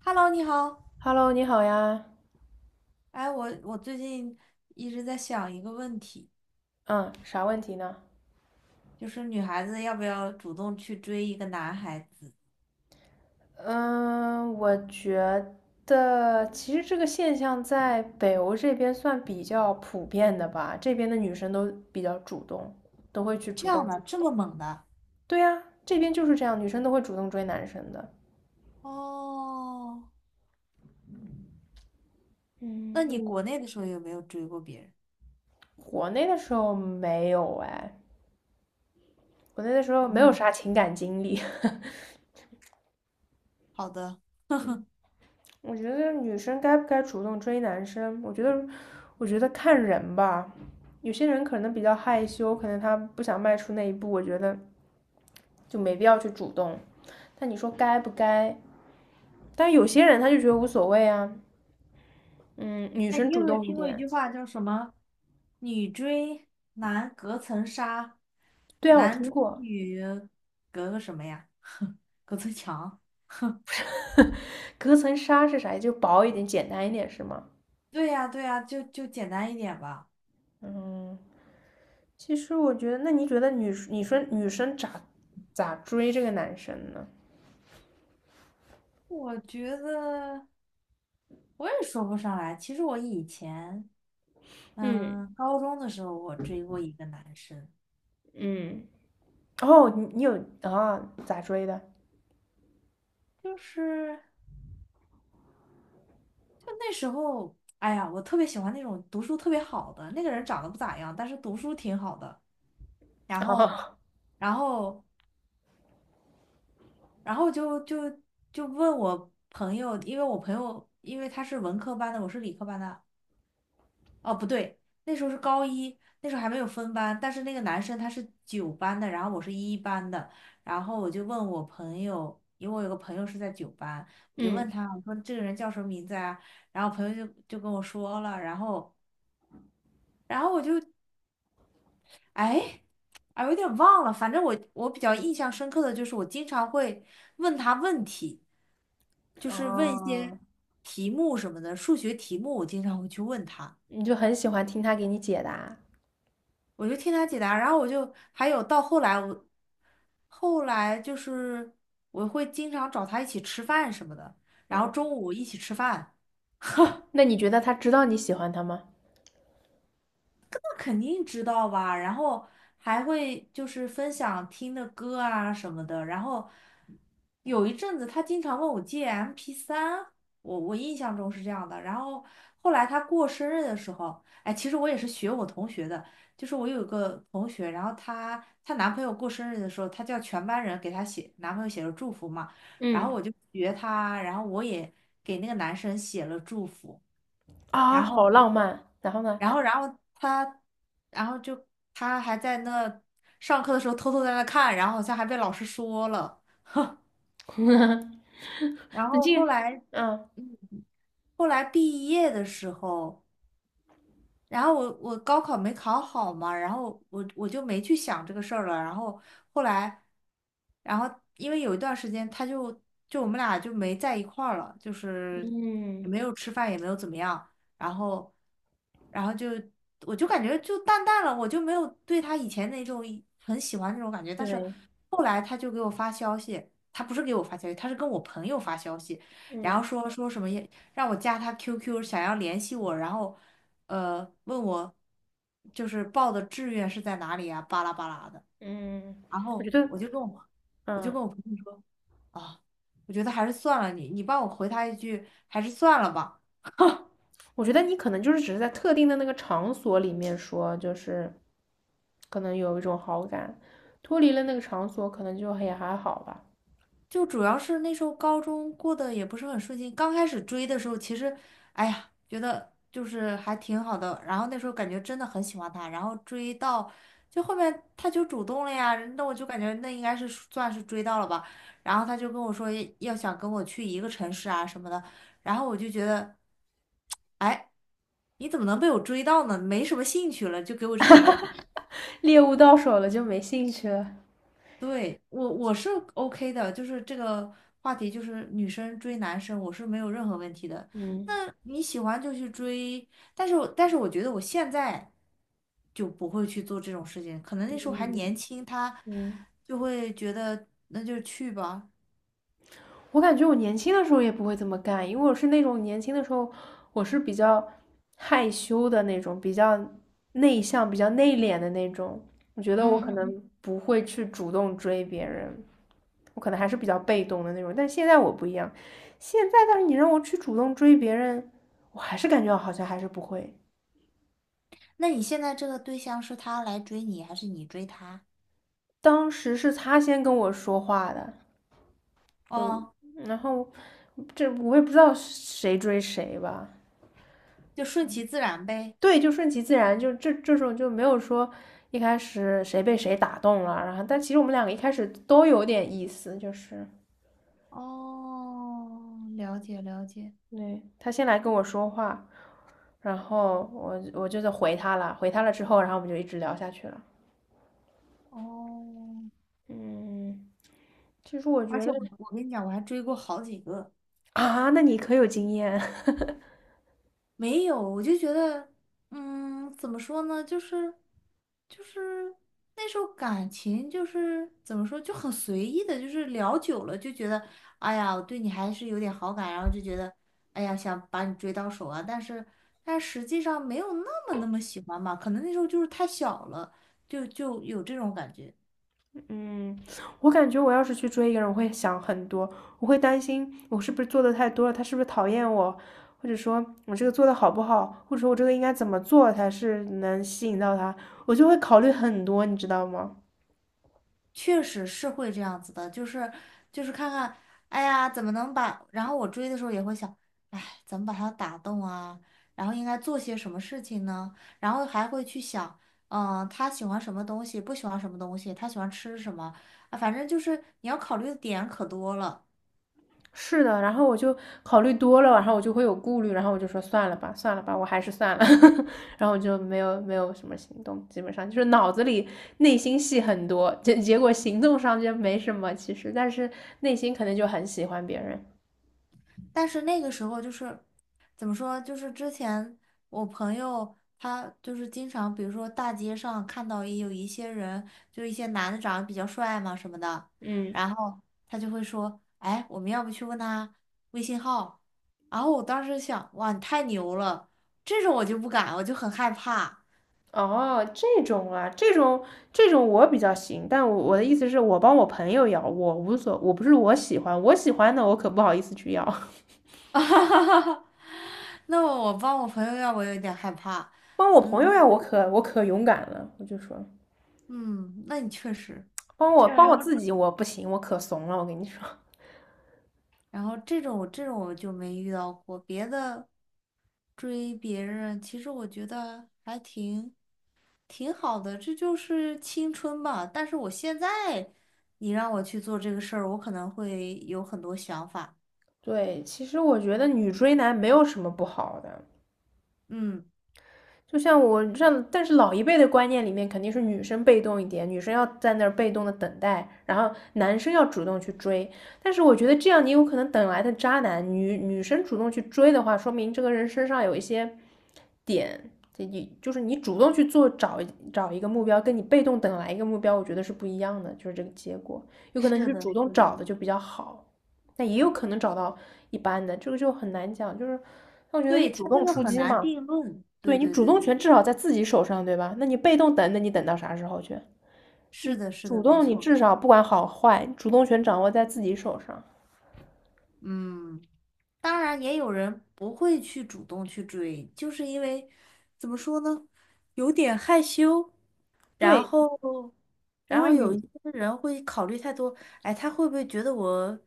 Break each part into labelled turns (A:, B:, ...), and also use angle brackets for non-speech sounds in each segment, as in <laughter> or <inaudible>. A: Hello，你好。
B: Hello，你好呀。
A: 哎，我最近一直在想一个问题，
B: 嗯，啥问题呢？
A: 就是女孩子要不要主动去追一个男孩子？
B: 嗯，我觉得其实这个现象在北欧这边算比较普遍的吧，这边的女生都比较主动，都会去
A: 这
B: 主
A: 样
B: 动
A: 的，
B: 去。
A: 这么猛的？
B: 对呀，这边就是这样，女生都会主动追男生的。
A: 哦，那
B: 嗯，
A: 你国内的时候有没有追过别人？
B: 国内的时候没有哎，国内的时候没有
A: 嗯，
B: 啥情感经历。<laughs>
A: 好的。
B: 我觉得女生该不该主动追男生，我觉得看人吧。有些人可能比较害羞，可能他不想迈出那一步，我觉得就没必要去主动。但你说该不该？但有些人他就觉得无所谓啊。嗯，女
A: 哎，
B: 生
A: 你有
B: 主
A: 没有
B: 动一
A: 听过一
B: 点。
A: 句话叫什么？女追男隔层纱，
B: 对啊，我
A: 男
B: 听
A: 追
B: 过，
A: 女隔个什么呀？隔层墙。
B: 隔层纱是啥？就薄一点，简单一点是吗？
A: 对呀，对呀，就简单一点吧。
B: 嗯，其实我觉得，那你觉得女，你说女生咋追这个男生呢？
A: 我觉得。我也说不上来。其实我以前，
B: 嗯
A: 高中的时候我追过一个男生，
B: 嗯。哦，你有啊？咋追的？
A: 就是就那时候，哎呀，我特别喜欢那种读书特别好的，那个人长得不咋样，但是读书挺好的。然后，
B: 哦，
A: 然后，然后就问我朋友，因为我朋友因为他是文科班的，我是理科班的，哦，不对，那时候是高一，那时候还没有分班，但是那个男生他是九班的，然后我是一班的，然后我就问我朋友，因为我有个朋友是在九班，我就问
B: 嗯，
A: 他，我说这个人叫什么名字啊？然后朋友就跟我说了，然后我就哎啊有点忘了，反正我比较印象深刻的就是我经常会问他问题，就是问一些
B: 哦，
A: 题目什么的，数学题目我经常会去问他。
B: 你就很喜欢听他给你解答。
A: 我就听他解答，然后我就还有到后来我，后来就是我会经常找他一起吃饭什么的，然后
B: 嗯，
A: 中午一起吃饭，
B: 那你觉得他知道你喜欢他吗？
A: 肯定知道吧，然后还会就是分享听的歌啊什么的，然后有一阵子他经常问我借 MP3，我印象中是这样的，然后后来他过生日的时候，哎，其实我也是学我同学的，就是我有一个同学，然后她男朋友过生日的时候，她叫全班人给她写男朋友写了祝福嘛，然后
B: 嗯，
A: 我就学她，然后我也给那个男生写了祝福。
B: 啊，
A: 然
B: 好
A: 后。
B: 浪漫。然后呢？
A: 然后然后他，然后就他还在那上课的时候偷偷在那看，然后好像还被老师说了。
B: <laughs>
A: 然
B: 那
A: 后
B: 这个，
A: 后来
B: 嗯，
A: 后来毕业的时候。然后我高考没考好嘛，然后我就没去想这个事儿了。然后后来，然后因为有一段时间，他就我们俩就没在一块儿了，就是也
B: 嗯
A: 没有吃饭，也没有怎么样。然后，然后我就感觉就淡淡了，我就没有对他以前那种很喜欢那种感觉。但是
B: 对，
A: 后来他就给我发消息，他不是给我发消息，他是跟我朋友发消息，然后
B: 嗯
A: 说什么也让我加他 QQ，想要联系我，然后。问我就是报的志愿是在哪里啊，巴拉巴拉的。
B: 嗯，
A: 然
B: 我
A: 后
B: 觉得，
A: 我就跟我我就
B: 嗯，
A: 跟我朋友说啊，我觉得还是算了你，你帮我回他一句，还是算了吧。
B: 我觉得你可能就是只是在特定的那个场所里面说，就是可能有一种好感，脱离了那个场所，可能就也还好吧。
A: 就主要是那时候高中过得也不是很顺心，刚开始追的时候，其实，哎呀，觉得就是还挺好的。然后那时候感觉真的很喜欢他，然后追到就后面他就主动了呀，那我就感觉那应该是算是追到了吧。然后他就跟我说要想跟我去一个城市啊什么的，然后我就觉得，哎，你怎么能被我追到呢？没什么兴趣了，就给我这种感觉。
B: 猎物到手了就没兴趣了。
A: 对，我是 OK 的，就是这个话题，就是女生追男生，我是没有任何问题的。
B: 嗯
A: 那你喜欢就去追，但是我觉得我现在就不会去做这种事情，可能那时候还
B: 嗯
A: 年轻，他
B: 嗯。
A: 就会觉得那就去吧。
B: 我感觉我年轻的时候也不会这么干，因为我是那种年轻的时候，我是比较害羞的那种，比较内向、比较内敛的那种。我觉得
A: 嗯
B: 我可
A: 嗯
B: 能
A: 嗯。
B: 不会去主动追别人，我可能还是比较被动的那种。但现在我不一样，现在但是你让我去主动追别人，我还是感觉好像还是不会。
A: 那你现在这个对象是他来追你，还是你追他？
B: 当时是他先跟我说话的，嗯，
A: 哦，
B: 然后这我也不知道谁追谁吧，
A: 就顺其自然呗。
B: 对，就顺其自然，就这种就没有说一开始谁被谁打动了，然后但其实我们两个一开始都有点意思，就是
A: 哦，了解了解。
B: 对，他先来跟我说话，然后我就在回他了之后，然后我们就一直聊下去了。
A: 哦。
B: 嗯，其实我
A: 而
B: 觉
A: 且
B: 得
A: 我跟你讲，我还追过好几个，
B: 啊，那你可有经验。
A: 没有，我就觉得，嗯，怎么说呢，就是那时候感情就是怎么说，就很随意的，就是聊久了就觉得，哎呀，我对你还是有点好感，然后就觉得，哎呀，想把你追到手啊，但实际上没有那么那么喜欢吧，可能那时候就是太小了，就有这种感觉。
B: 嗯，我感觉我要是去追一个人，我会想很多，我会担心我是不是做的太多了，他是不是讨厌我，或者说我这个做的好不好，或者说我这个应该怎么做才是能吸引到他，我就会考虑很多，你知道吗？
A: 确实是会这样子的，就是看看，哎呀，怎么能把？然后我追的时候也会想，哎，怎么把他打动啊？然后应该做些什么事情呢？然后还会去想，他喜欢什么东西，不喜欢什么东西，他喜欢吃什么啊？反正就是你要考虑的点可多了。
B: 是的，然后我就考虑多了，然后我就会有顾虑，然后我就说算了吧，算了吧，我还是算了，<laughs> 然后我就没有什么行动，基本上就是脑子里内心戏很多，结果行动上就没什么，其实，但是内心可能就很喜欢别人，
A: 但是那个时候就是怎么说，就是之前我朋友他就是经常，比如说大街上看到也有一些人，就一些男的长得比较帅嘛什么的，
B: 嗯。
A: 然后他就会说，哎，我们要不去问他微信号？然后我当时想，哇，你太牛了，这种我就不敢，我就很害怕。
B: 哦，这种啊，这种我比较行，但我的意思是我帮我朋友要，我无所，我不是我喜欢，我喜欢的我可不好意思去要，
A: <laughs> 那我帮我朋友要，我有点害怕。
B: <laughs> 帮我朋
A: 嗯
B: 友摇，我可勇敢了，我就说
A: 嗯，那你确实。
B: 帮
A: 这
B: 我帮我
A: 样。
B: 自己我不行，我可怂了，我跟你说，
A: 然后这种我就没遇到过，别的追别人，其实我觉得还挺好的，这就是青春吧。但是我现在，你让我去做这个事儿，我可能会有很多想法。
B: 对，其实我觉得女追男没有什么不好的，
A: 嗯，
B: 就像我像，但是老一辈的观念里面，肯定是女生被动一点，女生要在那儿被动的等待，然后男生要主动去追。但是我觉得这样，你有可能等来的渣男，女生主动去追的话，说明这个人身上有一些点，这你就是你主动去做找一个目标，跟你被动等来一个目标，我觉得是不一样的，就是这个结果，有可能
A: 是
B: 就
A: 的，
B: 主动
A: 是的，
B: 找的就比较好，但也有可能找到一般的，这个就很难讲，就是。我觉得你
A: 对，
B: 主
A: 他这
B: 动
A: 个
B: 出
A: 很
B: 击
A: 难
B: 嘛，
A: 定论。
B: 对，
A: 对
B: 你
A: 对
B: 主
A: 对
B: 动
A: 对
B: 权至
A: 对，
B: 少在自己手上，对吧？那你被动等，那你等到啥时候去？
A: 是的，是
B: 主
A: 的，没
B: 动你
A: 错。
B: 至少不管好坏，主动权掌握在自己手上。
A: 嗯，当然也有人不会去主动去追，就是因为怎么说呢，有点害羞。然
B: 对，
A: 后，
B: 因
A: 然
B: 为
A: 后有一
B: 女，
A: 些人会考虑太多，哎，他会不会觉得我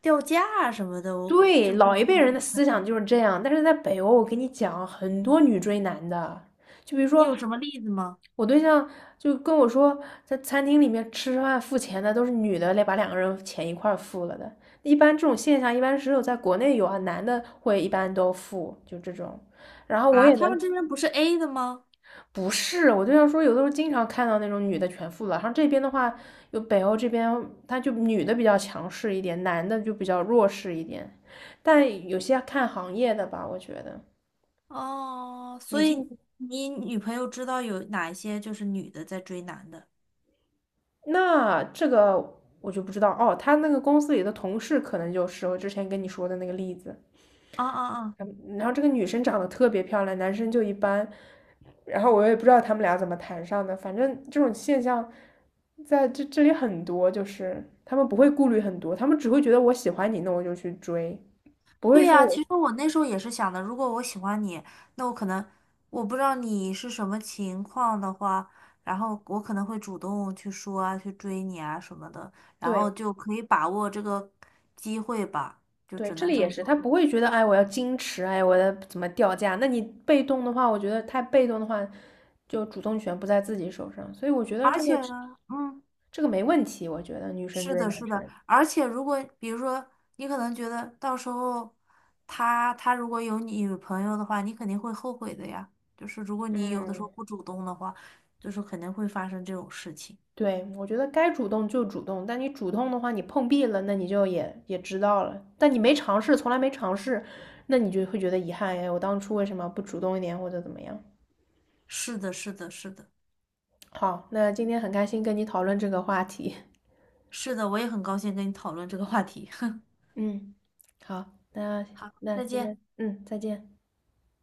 A: 掉价啊什么的？我
B: 对，
A: 就是，
B: 老一辈
A: 嗯
B: 人的思想就是这样，但是在北欧，我跟你讲，很多女追男的，就比如
A: 你
B: 说
A: 有什么例子吗？
B: 我对象就跟我说，在餐厅里面吃饭付钱的都是女的来把两个人钱一块儿付了的，一般这种现象一般只有在国内有啊，男的会一般都付，就这种。然后我
A: 啊，
B: 也
A: 他
B: 能
A: 们这边不是 A 的吗？
B: 不是，我就想说，有的时候经常看到那种女的全副了，然后这边的话，有北欧这边，他就女的比较强势一点，男的就比较弱势一点，但有些看行业的吧，我觉得
A: 哦，
B: 女
A: 所
B: 性，
A: 以你女朋友知道有哪一些就是女的在追男的？
B: 那这个我就不知道哦，他那个公司里的同事可能就是我之前跟你说的那个例子，
A: 啊啊啊！
B: 嗯，然后这个女生长得特别漂亮，男生就一般，然后我也不知道他们俩怎么谈上的，反正这种现象在这里很多，就是他们不会顾虑很多，他们只会觉得我喜欢你，那我就去追，不会
A: 对
B: 说
A: 呀，
B: 我，
A: 其实我那时候也是想的，如果我喜欢你，那我可能我不知道你是什么情况的话，然后我可能会主动去说啊，去追你啊什么的，然后
B: 对
A: 就可以把握这个机会吧，就
B: 对，
A: 只
B: 这
A: 能
B: 里
A: 这
B: 也
A: 么
B: 是，
A: 说。
B: 他不会觉得哎我要矜持，哎我要怎么掉价，那你被动的话，我觉得太被动的话，就主动权不在自己手上，所以我觉得
A: 而
B: 这个
A: 且呢，嗯，
B: 这个没问题，我觉得女生
A: 是
B: 追
A: 的，
B: 男
A: 是的，
B: 生，
A: 而且如果比如说你可能觉得到时候他如果有女朋友的话，你肯定会后悔的呀。就是如果你有的时候
B: 嗯。
A: 不主动的话，就是肯定会发生这种事情。
B: 对，我觉得该主动就主动，但你主动的话，你碰壁了，那你就也知道了。但你没尝试，从来没尝试，那你就会觉得遗憾，哎，我当初为什么不主动一点或者怎么样？
A: 是的，是的，是的，
B: 好，那今天很开心跟你讨论这个话题。
A: 是的，我也很高兴跟你讨论这个话题。<laughs>
B: <laughs> 嗯，好，那
A: 好，
B: 那
A: 再
B: 今
A: 见。
B: 天，嗯，再见。